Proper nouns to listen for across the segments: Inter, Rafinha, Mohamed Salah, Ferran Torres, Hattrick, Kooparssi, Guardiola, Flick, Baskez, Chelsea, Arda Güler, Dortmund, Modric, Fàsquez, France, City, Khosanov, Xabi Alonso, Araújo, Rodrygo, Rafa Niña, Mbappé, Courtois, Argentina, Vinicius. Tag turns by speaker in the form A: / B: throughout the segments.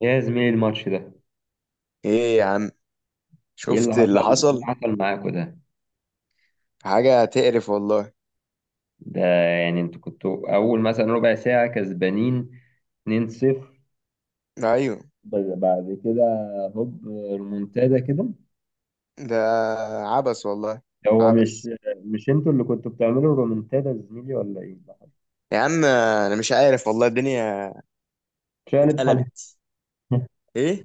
A: يا زميلي الماتش ده،
B: ايه يا عم.
A: ايه اللي
B: شفت اللي
A: حصل؟ إيه اللي
B: حصل؟
A: حصل معاكوا ده؟
B: حاجة تقرف والله.
A: ده يعني انتوا كنتوا اول مثلا ربع ساعة كسبانين 2-0،
B: ايوه.
A: بس بعد كده هوب، ريمونتادا كده.
B: ده عبس والله.
A: هو مش
B: عبس.
A: مش انتوا اللي كنتوا بتعملوا ريمونتادا يا زميلي ولا ايه؟
B: يا عم انا مش عارف والله، الدنيا
A: شقلب حالها.
B: اتقلبت. ايه.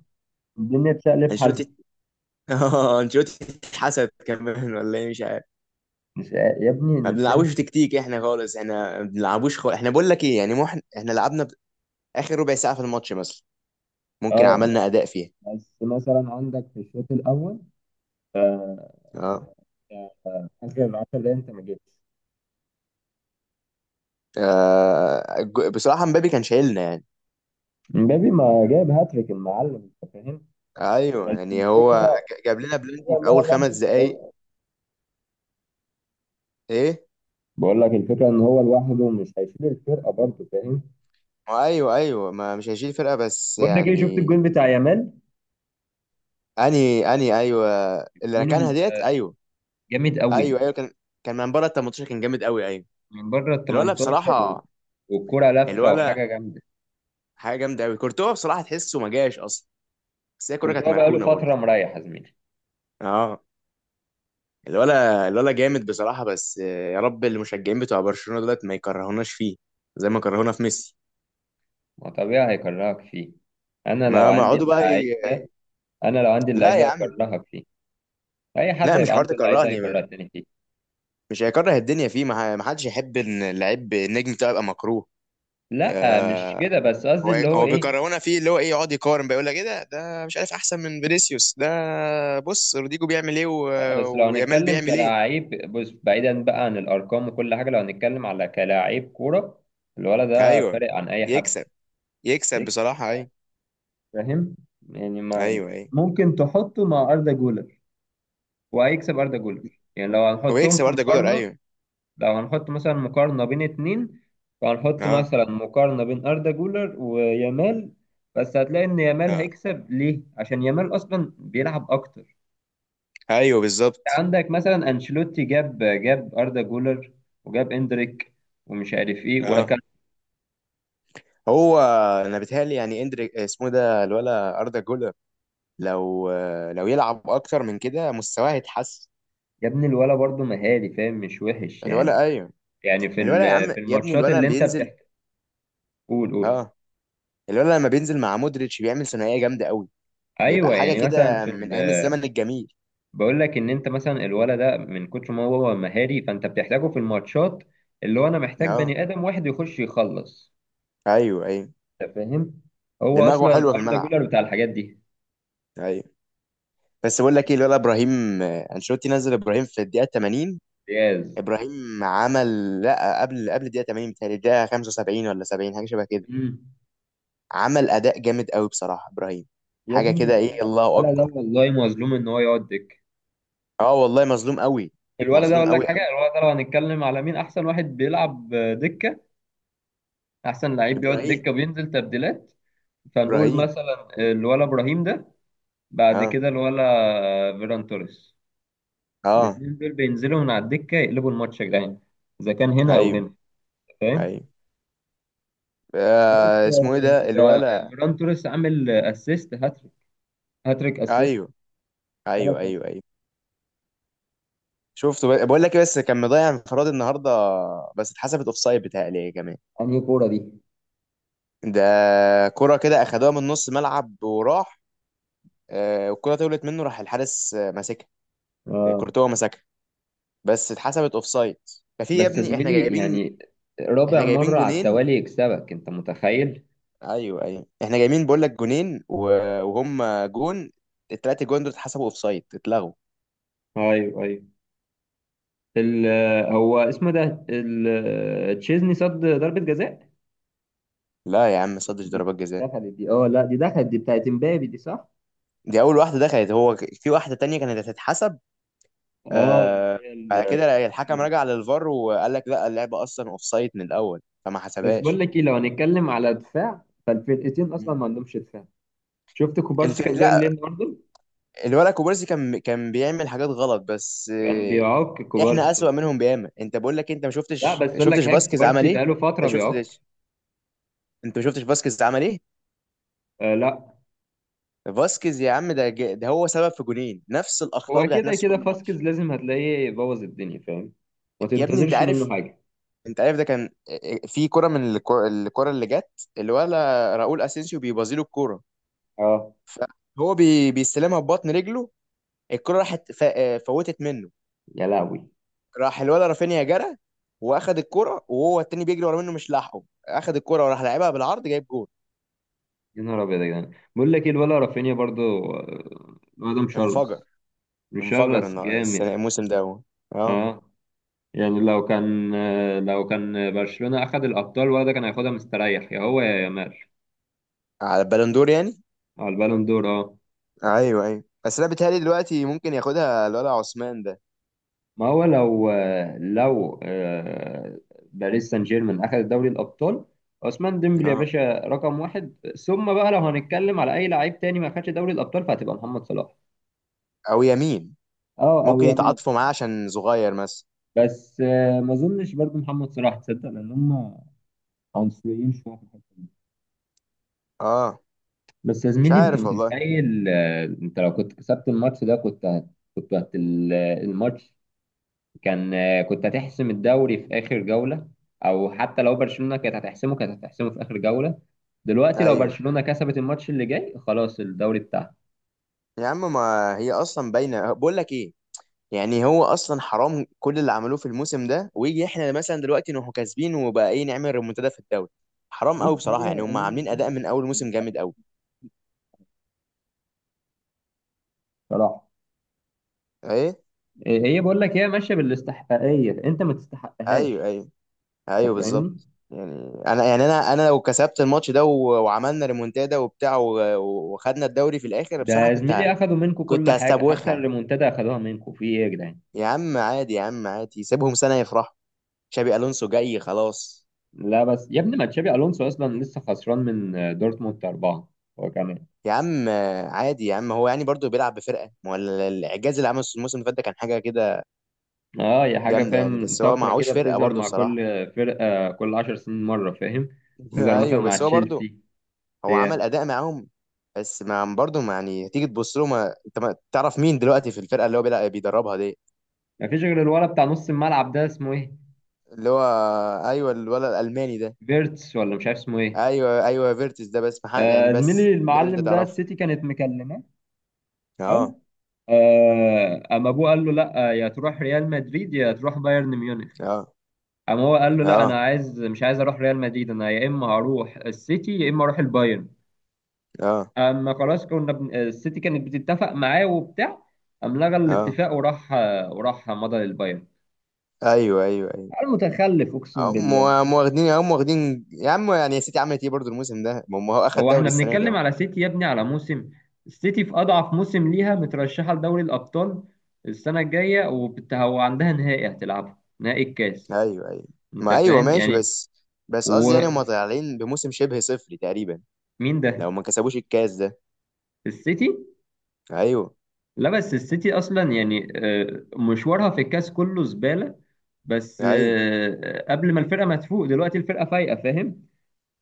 A: الدنيا اتشقلب حالها.
B: انشيلوتي اه، انشيلوتي اتحسد كمان ولا ايه؟ مش عارف.
A: مش يا ابني
B: ما
A: المشكلة.
B: بنلعبوش تكتيك احنا خالص، احنا ما بنلعبوش خالص، احنا بقول لك ايه يعني، مو احنا لعبنا اخر ربع ساعة في الماتش مثلا، ممكن
A: اه،
B: عملنا اداء فيها.
A: بس مثلا عندك في الشوط الاول، آه،
B: اه.
A: اخر 10 دقايق انت ما جيتش.
B: بصراحة مبابي كان شايلنا يعني.
A: مبابي ما جاب هاتريك المعلم، انت فاهم؟
B: ايوه
A: بس
B: يعني هو
A: الفكرة
B: جاب لنا
A: الفكرة
B: بلنتي
A: إن
B: في
A: هو
B: اول
A: لوحده.
B: خمس دقايق. ايه.
A: بقول لك الفكرة إن هو لوحده مش هيشيل الفرقة برضه، فاهم؟
B: ما ايوه ايوه، ما مش هيشيل فرقه بس
A: بقول لك ايه، شفت
B: يعني.
A: الجون بتاع يامال؟
B: اني ايوه. اللي
A: الجون
B: ركنها ديت،
A: ال-
B: ايوه.
A: جامد قوي،
B: ايوه ايوه، كان. كان من بره ال 18 كان جامد قوي، ايوه.
A: من بره ال
B: الولا
A: 18
B: بصراحه.
A: والكرة لفة
B: الولا
A: وحاجة جامدة.
B: حاجه جامده قوي، كورتوا بصراحه تحسه ما جاش اصلا. بس هي الكوره كانت
A: كورتوا بقاله
B: مركونه برضه.
A: فترة مريح يا زميلي.
B: اه. الولا جامد بصراحه، بس يا رب المشجعين بتوع برشلونه دولت ما يكرهوناش فيه، زي ما كرهونا في ميسي.
A: ما طبيعي هيكرهك فيه. انا لو
B: ما
A: عندي
B: يقعدوا بقى
A: اللعيب ده انا لو عندي
B: لا
A: اللعيب
B: يا
A: ده
B: عم.
A: هكرهك فيه. اي حد
B: لا مش
A: هيبقى
B: حوار
A: عنده اللعيب ده
B: تكرهني.
A: هيكرهك تاني فيه.
B: مش هيكره الدنيا فيه، ما حدش يحب ان اللعيب النجم بتاعه يبقى مكروه.
A: لا مش
B: آه،
A: كده، بس قصدي
B: هو
A: اللي هو
B: هو
A: ايه.
B: بيكرهونا فيه، اللي هو ايه، يقعد يقارن بقى، يقول لك ايه ده مش عارف احسن من فينيسيوس ده. بص روديجو بيعمل ايه
A: لا بس لو
B: ويامال
A: هنتكلم
B: بيعمل ايه.
A: كلاعب، بص بعيدا بقى عن الارقام وكل حاجه، لو هنتكلم على كلاعب كوره، الولد ده
B: ايوه.
A: فارق عن اي حد.
B: يكسب. يكسب
A: يكسب،
B: بصراحه، ايوه.
A: فاهم؟ يعني ما
B: ايوه ايوه.
A: ممكن تحطه مع اردا جولر وهيكسب اردا جولر. يعني لو
B: هو
A: هنحطهم
B: يكسب
A: في
B: اردا جولر،
A: مقارنه،
B: ايوه.
A: لو هنحط مثلا مقارنه بين اتنين، فهنحط
B: اه.
A: مثلا مقارنه بين اردا جولر ويامال، بس هتلاقي ان يامال
B: اه
A: هيكسب ليه، عشان يامال اصلا بيلعب اكتر.
B: ايوه بالظبط.
A: عندك مثلا انشيلوتي جاب اردا جولر وجاب اندريك ومش عارف ايه
B: اه.
A: وركان.
B: هو. انا بيتهيألي يعني اندريك اسمه ده الولا اردا جولر. لو لو يلعب اكتر من كده مستواه هيتحسن.
A: يا ابني الولا برضه مهاري، فاهم؟ مش وحش
B: الولا،
A: يعني.
B: ايوه.
A: يعني
B: الولد يا عم،
A: في
B: يا ابني
A: الماتشات
B: الولد
A: اللي
B: لما
A: انت
B: بينزل.
A: بتحكي، قول.
B: اه. الولد لما بينزل مع مودريتش بيعمل ثنائيه جامده قوي. بيبقى
A: ايوه،
B: حاجه
A: يعني مثلا
B: كده من ايام الزمن الجميل.
A: بقول لك ان انت مثلا الولا ده من كتر ما هو مهاري فانت بتحتاجه في الماتشات، اللي هو انا محتاج
B: اه
A: بني ادم واحد يخش يخلص.
B: ايوه ايوه.
A: انت فاهم؟ هو
B: دماغه
A: اصلا
B: حلوه في
A: اردا
B: الملعب.
A: جولر بتاع الحاجات دي.
B: ايوه. بس بقول لك ايه، الولد ابراهيم، انشيلوتي نزل ابراهيم في الدقيقه 80.
A: جاز.
B: ابراهيم عمل، لا قبل الدقيقه 80، بتهيألي الدقيقه 75 ولا 70، حاجه شبه كده. عمل اداء جامد قوي بصراحه ابراهيم.
A: يا
B: حاجه
A: ابني
B: كده
A: الولا،
B: ايه، الله
A: الولا
B: اكبر.
A: ده والله مظلوم ان هو يقعد دكة.
B: اه والله مظلوم قوي.
A: الولد ده
B: مظلوم
A: اقول لك
B: قوي
A: حاجه،
B: قوي.
A: الولد ده لو هنتكلم على مين احسن واحد بيلعب دكه، احسن لعيب بيقعد
B: ابراهيم.
A: دكه وبينزل تبديلات، فنقول
B: ابراهيم.
A: مثلا الولا ابراهيم ده، بعد
B: اه
A: كده الولا فيران توريس.
B: اه
A: الاثنين دول بينزلوا من على الدكه يقلبوا الماتش يا جدعان، اذا كان هنا او
B: ايوه
A: هنا، فاهم؟
B: ايوه.
A: بس
B: آه، اسمه ايه
A: آه،
B: ده
A: ده
B: الولا؟
A: فيران توريس عامل اسيست هاتريك، هاتريك اسيست،
B: ايوه
A: ثلاث
B: ايوه
A: اسيست.
B: ايوه ايوه. بقول لك إيه، بس كان مضيع انفراد النهارده. بس اتحسبت اوفسايد بتهيألي كمان.
A: انهي كوره دي؟
B: ده. كرة كده اخدوها من نص ملعب وراح. آه، والكرة طولت منه راح الحارس ماسكها.
A: اه،
B: كورتوا ماسكها. بس اتحسبت اوفسايد. ففي يا
A: بس يا
B: ابني، احنا
A: زميلي
B: جايبين
A: يعني
B: احنا
A: رابع
B: جايبين
A: مره على
B: جونين.
A: التوالي يكسبك، انت متخيل؟
B: ايوه ايوه، احنا جايبين بقول لك جونين وهم جون. التلاتة جون دول اتحسبوا اوفسايد، اتلغوا.
A: ايوه ال- هو اسمه ده تشيزني صد ضربة جزاء.
B: لا يا عم، صدش
A: دي
B: ضربات جزاء.
A: دخلت دي، اه لا دي دخلت دي بتاعت امبابي دي، صح؟
B: دي اول واحده دخلت، هو في واحده تانية كانت هتتحسب.
A: اه،
B: آه.
A: اللي
B: بعد
A: هي
B: كده الحكم
A: ال-
B: رجع للفار وقال لك لا، اللعبه اصلا اوف سايد من الاول فما
A: بس بقول
B: حسبهاش.
A: لك ايه، لو هنتكلم على دفاع، فالفرقتين اصلا
B: مم.
A: ما عندهمش دفاع. شفت كوبارسي
B: الفريق،
A: كان بيعمل
B: لا.
A: ايه النهارده؟
B: الولد كوبارسي كان بيعمل حاجات غلط، بس
A: كان بيعك
B: احنا
A: كوبارسي.
B: اسوأ منهم بياما. انت بقول لك، انت ما
A: لا
B: شفتش
A: بس اقول لك
B: شفتش
A: حاجه،
B: باسكيز عمل
A: كوبارسي
B: ايه.
A: بقاله فتره بيعك.
B: شفتش. انت ما شفتش باسكيز عمل ايه.
A: آه لا.
B: باسكيز يا عم، ده هو سبب في جونين، نفس الاخطاء
A: هو
B: بتاعت
A: كده
B: نفس
A: كده
B: كل
A: فاسكيز
B: ماتش.
A: لازم هتلاقيه بوظ الدنيا، فاهم؟ ما
B: يا ابني انت
A: تنتظرش منه
B: عارف
A: حاجه.
B: انت عارف ده كان في كرة من الكرة اللي جت، الولا راؤول اسينسيو بيبازيله الكرة،
A: اه.
B: فهو بيستلمها ببطن رجله. الكرة راحت فوتت منه.
A: يا لهوي.
B: راح الولا رافينيا جرى، واخد الكرة وهو التاني بيجري ورا منه مش لاحقه. اخد الكرة وراح لعبها بالعرض جايب جول.
A: يا نهار ابيض يا جدعان. بقول لك ايه، الولا رافينيا برضو، الواد ده مشرس،
B: انفجر. انفجر
A: مشرس جامد.
B: الموسم ده هو. اه.
A: اه، يعني لو كان لو كان برشلونة اخد الابطال، الواد ده كان هياخدها مستريح، يا هو يا يامال.
B: على البالندور يعني.
A: على البالون دور، اه.
B: ايوه ايوه، بس انا بيتهيألي دلوقتي ممكن ياخدها الولا عثمان ده.
A: ما هو لو لو باريس سان جيرمان اخد دوري الابطال، عثمان ديمبلي يا
B: اه
A: باشا رقم واحد. ثم بقى لو هنتكلم على اي لعيب تاني ما خدش دوري الابطال، فهتبقى محمد صلاح.
B: او يمين.
A: اه او
B: ممكن
A: يامال.
B: يتعاطفوا معاه عشان صغير مثلا.
A: بس ما اظنش برضو محمد صلاح، تصدق، لان هم عنصريين شويه في الحته دي.
B: اه
A: بس يا
B: مش
A: زميلي انت
B: عارف والله.
A: متخيل، انت لو كنت كسبت الماتش ده كنت كنت الماتش، كان كنت هتحسم الدوري في اخر جوله. او حتى لو برشلونه كانت هتحسمه كانت هتحسمه في اخر جوله. دلوقتي لو
B: ايوه
A: برشلونه كسبت الماتش اللي جاي، خلاص الدوري بتاعها.
B: يا عم، ما هي اصلا باينه بقول لك ايه. يعني هو اصلا حرام كل اللي عملوه في الموسم ده، ويجي احنا مثلا دلوقتي نروح كاسبين وبقى ايه نعمل ريمونتادا في الدوري. حرام
A: بص
B: قوي بصراحه،
A: هي
B: يعني هم
A: هي
B: عاملين اداء
A: الدنيا،
B: من اول موسم جامد قوي.
A: صراحه.
B: ايه.
A: هي بقول لك هي ماشيه بالاستحقاقيه، انت ما
B: ايوه
A: تستحقهاش.
B: ايوه
A: انت
B: ايوه
A: فاهمني؟
B: بالظبط يعني. انا يعني انا لو كسبت الماتش ده وعملنا ريمونتادا وبتاع وخدنا الدوري في الاخر
A: ده
B: بصراحه
A: يا زميلي اخدوا منكم
B: كنت
A: كل حاجه، حتى
B: هستبوخها.
A: الريمونتادا اخدوها منكم في ايه يا جدعان.
B: يا عم عادي، يا عم عادي، سيبهم سنه يفرحوا. شابي الونسو جاي خلاص.
A: لا بس يا ابني، ما تشابي الونسو اصلا لسه خسران من دورتموند اربعه، هو كمان.
B: يا عم عادي يا عم، هو يعني برضه بيلعب بفرقه. ما هو الاعجاز اللي عمله الموسم اللي فات ده كان حاجه كده
A: اه، هي حاجه،
B: جامده يعني،
A: فاهم؟
B: بس هو
A: طفره
B: معهوش
A: كده
B: فرقه
A: بتظهر
B: برضه
A: مع كل
B: الصراحه.
A: فرقه، كل 10 سنين مره، فاهم؟ تظهر مثلا
B: ايوه،
A: مع
B: بس هو برضه.
A: تشيلسي
B: هو عمل
A: بتاع.
B: اداء معاهم. بس ما برضه ما يعني تيجي تبص له، ما انت ما تعرف مين دلوقتي في الفرقه اللي هو بيلعب بيدربها دي.
A: ما فيش غير الولد بتاع نص الملعب ده اسمه ايه،
B: اللي هو. ايوه الولد الالماني ده.
A: فيرتس، ولا مش عارف اسمه ايه.
B: ايوه ايوه فيرتس ده، بس ما يعني
A: آه
B: بس
A: زميلي،
B: ده اللي انت
A: المعلم ده
B: تعرفه.
A: السيتي كانت مكلمه. حلو.
B: اه
A: اما ابوه قال له لا، يا تروح ريال مدريد يا تروح بايرن ميونخ.
B: اه
A: اما هو قال له لا
B: اه
A: انا عايز، مش عايز اروح ريال مدريد، انا يا اما هروح السيتي يا اما اروح البايرن.
B: اه
A: اما خلاص كنا السيتي كانت بتتفق معاه وبتاع، قام لغى
B: اه.
A: الاتفاق وراح وراح مضى للبايرن.
B: ايوه ايوه أيوه.
A: المتخلف، اقسم
B: هم
A: بالله.
B: هم واخدين هم واخدين يا عم يعني، يا سيتي عملت ايه برضه الموسم ده، ما هم هو اخد
A: هو
B: دوري
A: احنا
B: السنه دي
A: بنتكلم
B: اهو.
A: على سيتي يا ابني، على موسم؟ السيتي في اضعف موسم ليها مترشحه لدوري الابطال السنه الجايه، هو عندها نهائي هتلعبه، نهائي الكاس.
B: ايوه ايوه.
A: انت
B: ما ايوه
A: فاهم
B: ماشي،
A: يعني؟
B: بس قصدي يعني هم
A: ومين؟
B: طالعين بموسم شبه صفري تقريبا.
A: ده
B: لو ما كسبوش الكاس ده.
A: السيتي.
B: ايوه.
A: لا بس السيتي اصلا يعني مشوارها في الكاس كله زباله، بس
B: ايوه
A: قبل ما الفرقه ما تفوق، دلوقتي الفرقه فايقه، فاهم؟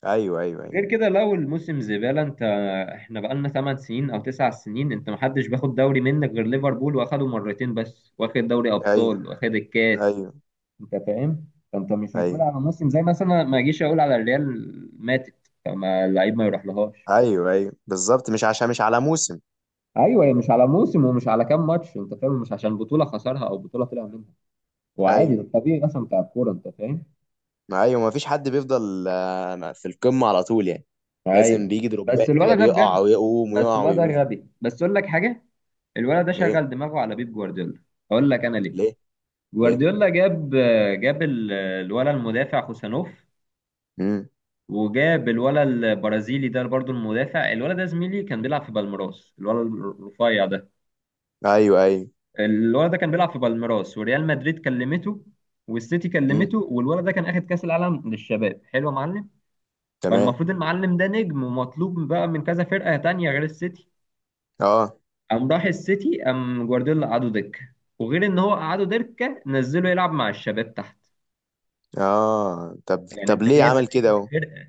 B: ايوه ايوه ايوه
A: غير كده لو الموسم زباله، انت احنا بقالنا 8 سنين او 9 سنين انت محدش بياخد دوري منك غير ليفربول واخده مرتين بس، واخد دوري
B: ايوه
A: ابطال واخد الكاس.
B: ايوه
A: انت فاهم؟ فانت مش هتقول
B: ايوه
A: على موسم، زي مثلا ما اجيش اقول على الريال ماتت فما اللعيب ما يروح لهاش.
B: ايوه ايوه بالظبط، مش عشان مش على موسم.
A: ايوه، هي مش على موسم ومش على كام ماتش، انت فاهم؟ مش عشان بطوله خسرها او بطوله طلع منها، وعادي
B: ايوه.
A: ده الطبيعي اصلا بتاع الكوره، انت فاهم؟
B: ما ايوه، ما فيش حد بيفضل في القمه على طول يعني. لازم
A: اي.
B: بيجي
A: بس
B: دروبات كده،
A: الولد ده
B: بيقع
A: بجد،
B: ويقوم
A: بس
B: ويقع
A: الولد ده
B: ويقوم.
A: غبي، بس اقول لك حاجه، الولد ده
B: ليه؟
A: شغل دماغه على بيب جوارديولا. اقول لك انا ليه.
B: ليه؟ ليه؟
A: جوارديولا جاب، جاب الولد المدافع خوسانوف،
B: امم.
A: وجاب الولد البرازيلي ده برضو، المدافع الولد ده زميلي كان بيلعب في بالميراس، الولد الرفيع ده.
B: ايوه ايوه
A: الولد ده كان بيلعب في بالميراس وريال مدريد كلمته والسيتي كلمته، والولد ده كان اخد كاس العالم للشباب، حلو يا معلم.
B: تمام.
A: فالمفروض المعلم ده نجم ومطلوب بقى من كذا فرقة تانية غير السيتي.
B: اه.
A: قام راح السيتي، قام جوارديولا قعده دكة، وغير ان هو قعده دكة نزله يلعب مع الشباب تحت.
B: اه طب
A: يعني
B: طب
A: انت
B: ليه
A: جايب نجم
B: عمل كده اهو.
A: فرقة،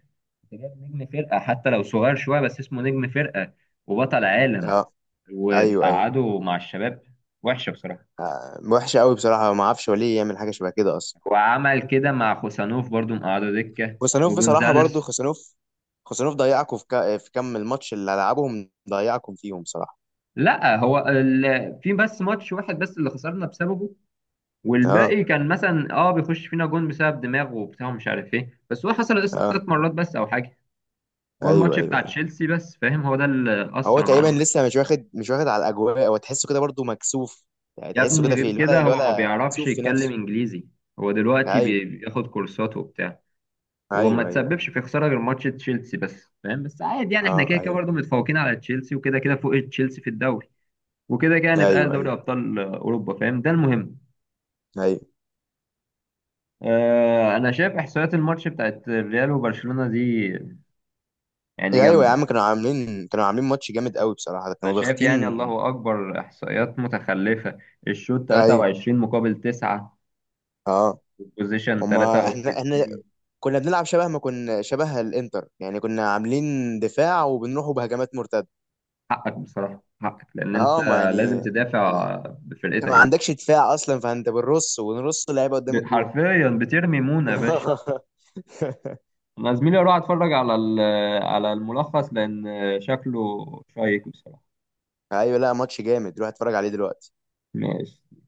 A: انت جايب نجم فرقة حتى لو صغير شوية بس اسمه نجم فرقة وبطل عالم،
B: اه ايوه ايوه.
A: وتقعده مع الشباب. وحشة بصراحة.
B: آه. وحشه قوي بصراحه، ما اعرفش هو ليه يعمل حاجه شبه كده اصلا.
A: وعمل كده مع خوسانوف برضو، مقعده دكة،
B: خوسانوف بصراحه برضو،
A: وجونزاليس.
B: خوسانوف. خوسانوف ضيعكم في كم الماتش اللي لعبهم، ضيعكم فيهم بصراحه.
A: لا هو في بس ماتش واحد بس اللي خسرنا بسببه،
B: اه
A: والباقي كان مثلا اه بيخش فينا جون بسبب دماغه وبتاع ومش عارف ايه، بس هو حصل اس
B: اه
A: ثلاث مرات بس او حاجه. هو
B: ايوه
A: الماتش
B: ايوه
A: بتاع
B: ايوه.
A: تشيلسي بس، فاهم؟ هو ده اللي
B: هو
A: اثر
B: تقريبا
A: معانا الماتش.
B: لسه مش واخد على الاجواء، هو تحسه كده برضو مكسوف. يعني
A: يا
B: تحسه
A: ابني
B: كده
A: غير
B: في الولا
A: كده هو ما
B: الولا
A: بيعرفش
B: مكسوف في
A: يتكلم
B: نفسه.
A: انجليزي، هو دلوقتي
B: ايوه
A: بياخد كورسات وبتاع. هو ما
B: ايوه ايوه.
A: تسببش في خساره غير ماتش تشيلسي بس، فاهم؟ بس عادي يعني، احنا كده
B: اه
A: كده
B: ايوه
A: برضه متفوقين على تشيلسي، وكده كده فوق تشيلسي في الدوري، وكده كده هنتأهل
B: ايوه ايوه
A: دوري ابطال اوروبا، فاهم؟ ده المهم.
B: ايوه.
A: آه انا شايف احصائيات الماتش بتاعت الريال وبرشلونه دي، يعني
B: إيه، ايوه يا عم
A: جامده.
B: كانوا عاملين ماتش جامد قوي بصراحه،
A: أنا
B: كانوا
A: شايف
B: ضاغطين.
A: يعني الله أكبر إحصائيات متخلفة. الشوط
B: ايوه.
A: 23 مقابل 9،
B: اه.
A: والبوزيشن
B: هما احنا
A: 63.
B: كنا بنلعب شبه ما كنا شبه الانتر يعني، كنا عاملين دفاع وبنروحوا بهجمات مرتده.
A: حقك بصراحة، حقك، لأن أنت
B: اه ما
A: لازم
B: يعني.
A: تدافع
B: انت
A: بفرقتك
B: ما
A: دي.
B: عندكش دفاع اصلا، فانت بنرص ونرص اللعيبه قدام الجون.
A: حرفيا بترمي مونة يا باشا. أنا زميلي أروح أتفرج على على الملخص، لأن شكله شيق بصراحة.
B: ايوه، لا ماتش جامد روح اتفرج عليه دلوقتي.
A: ماشي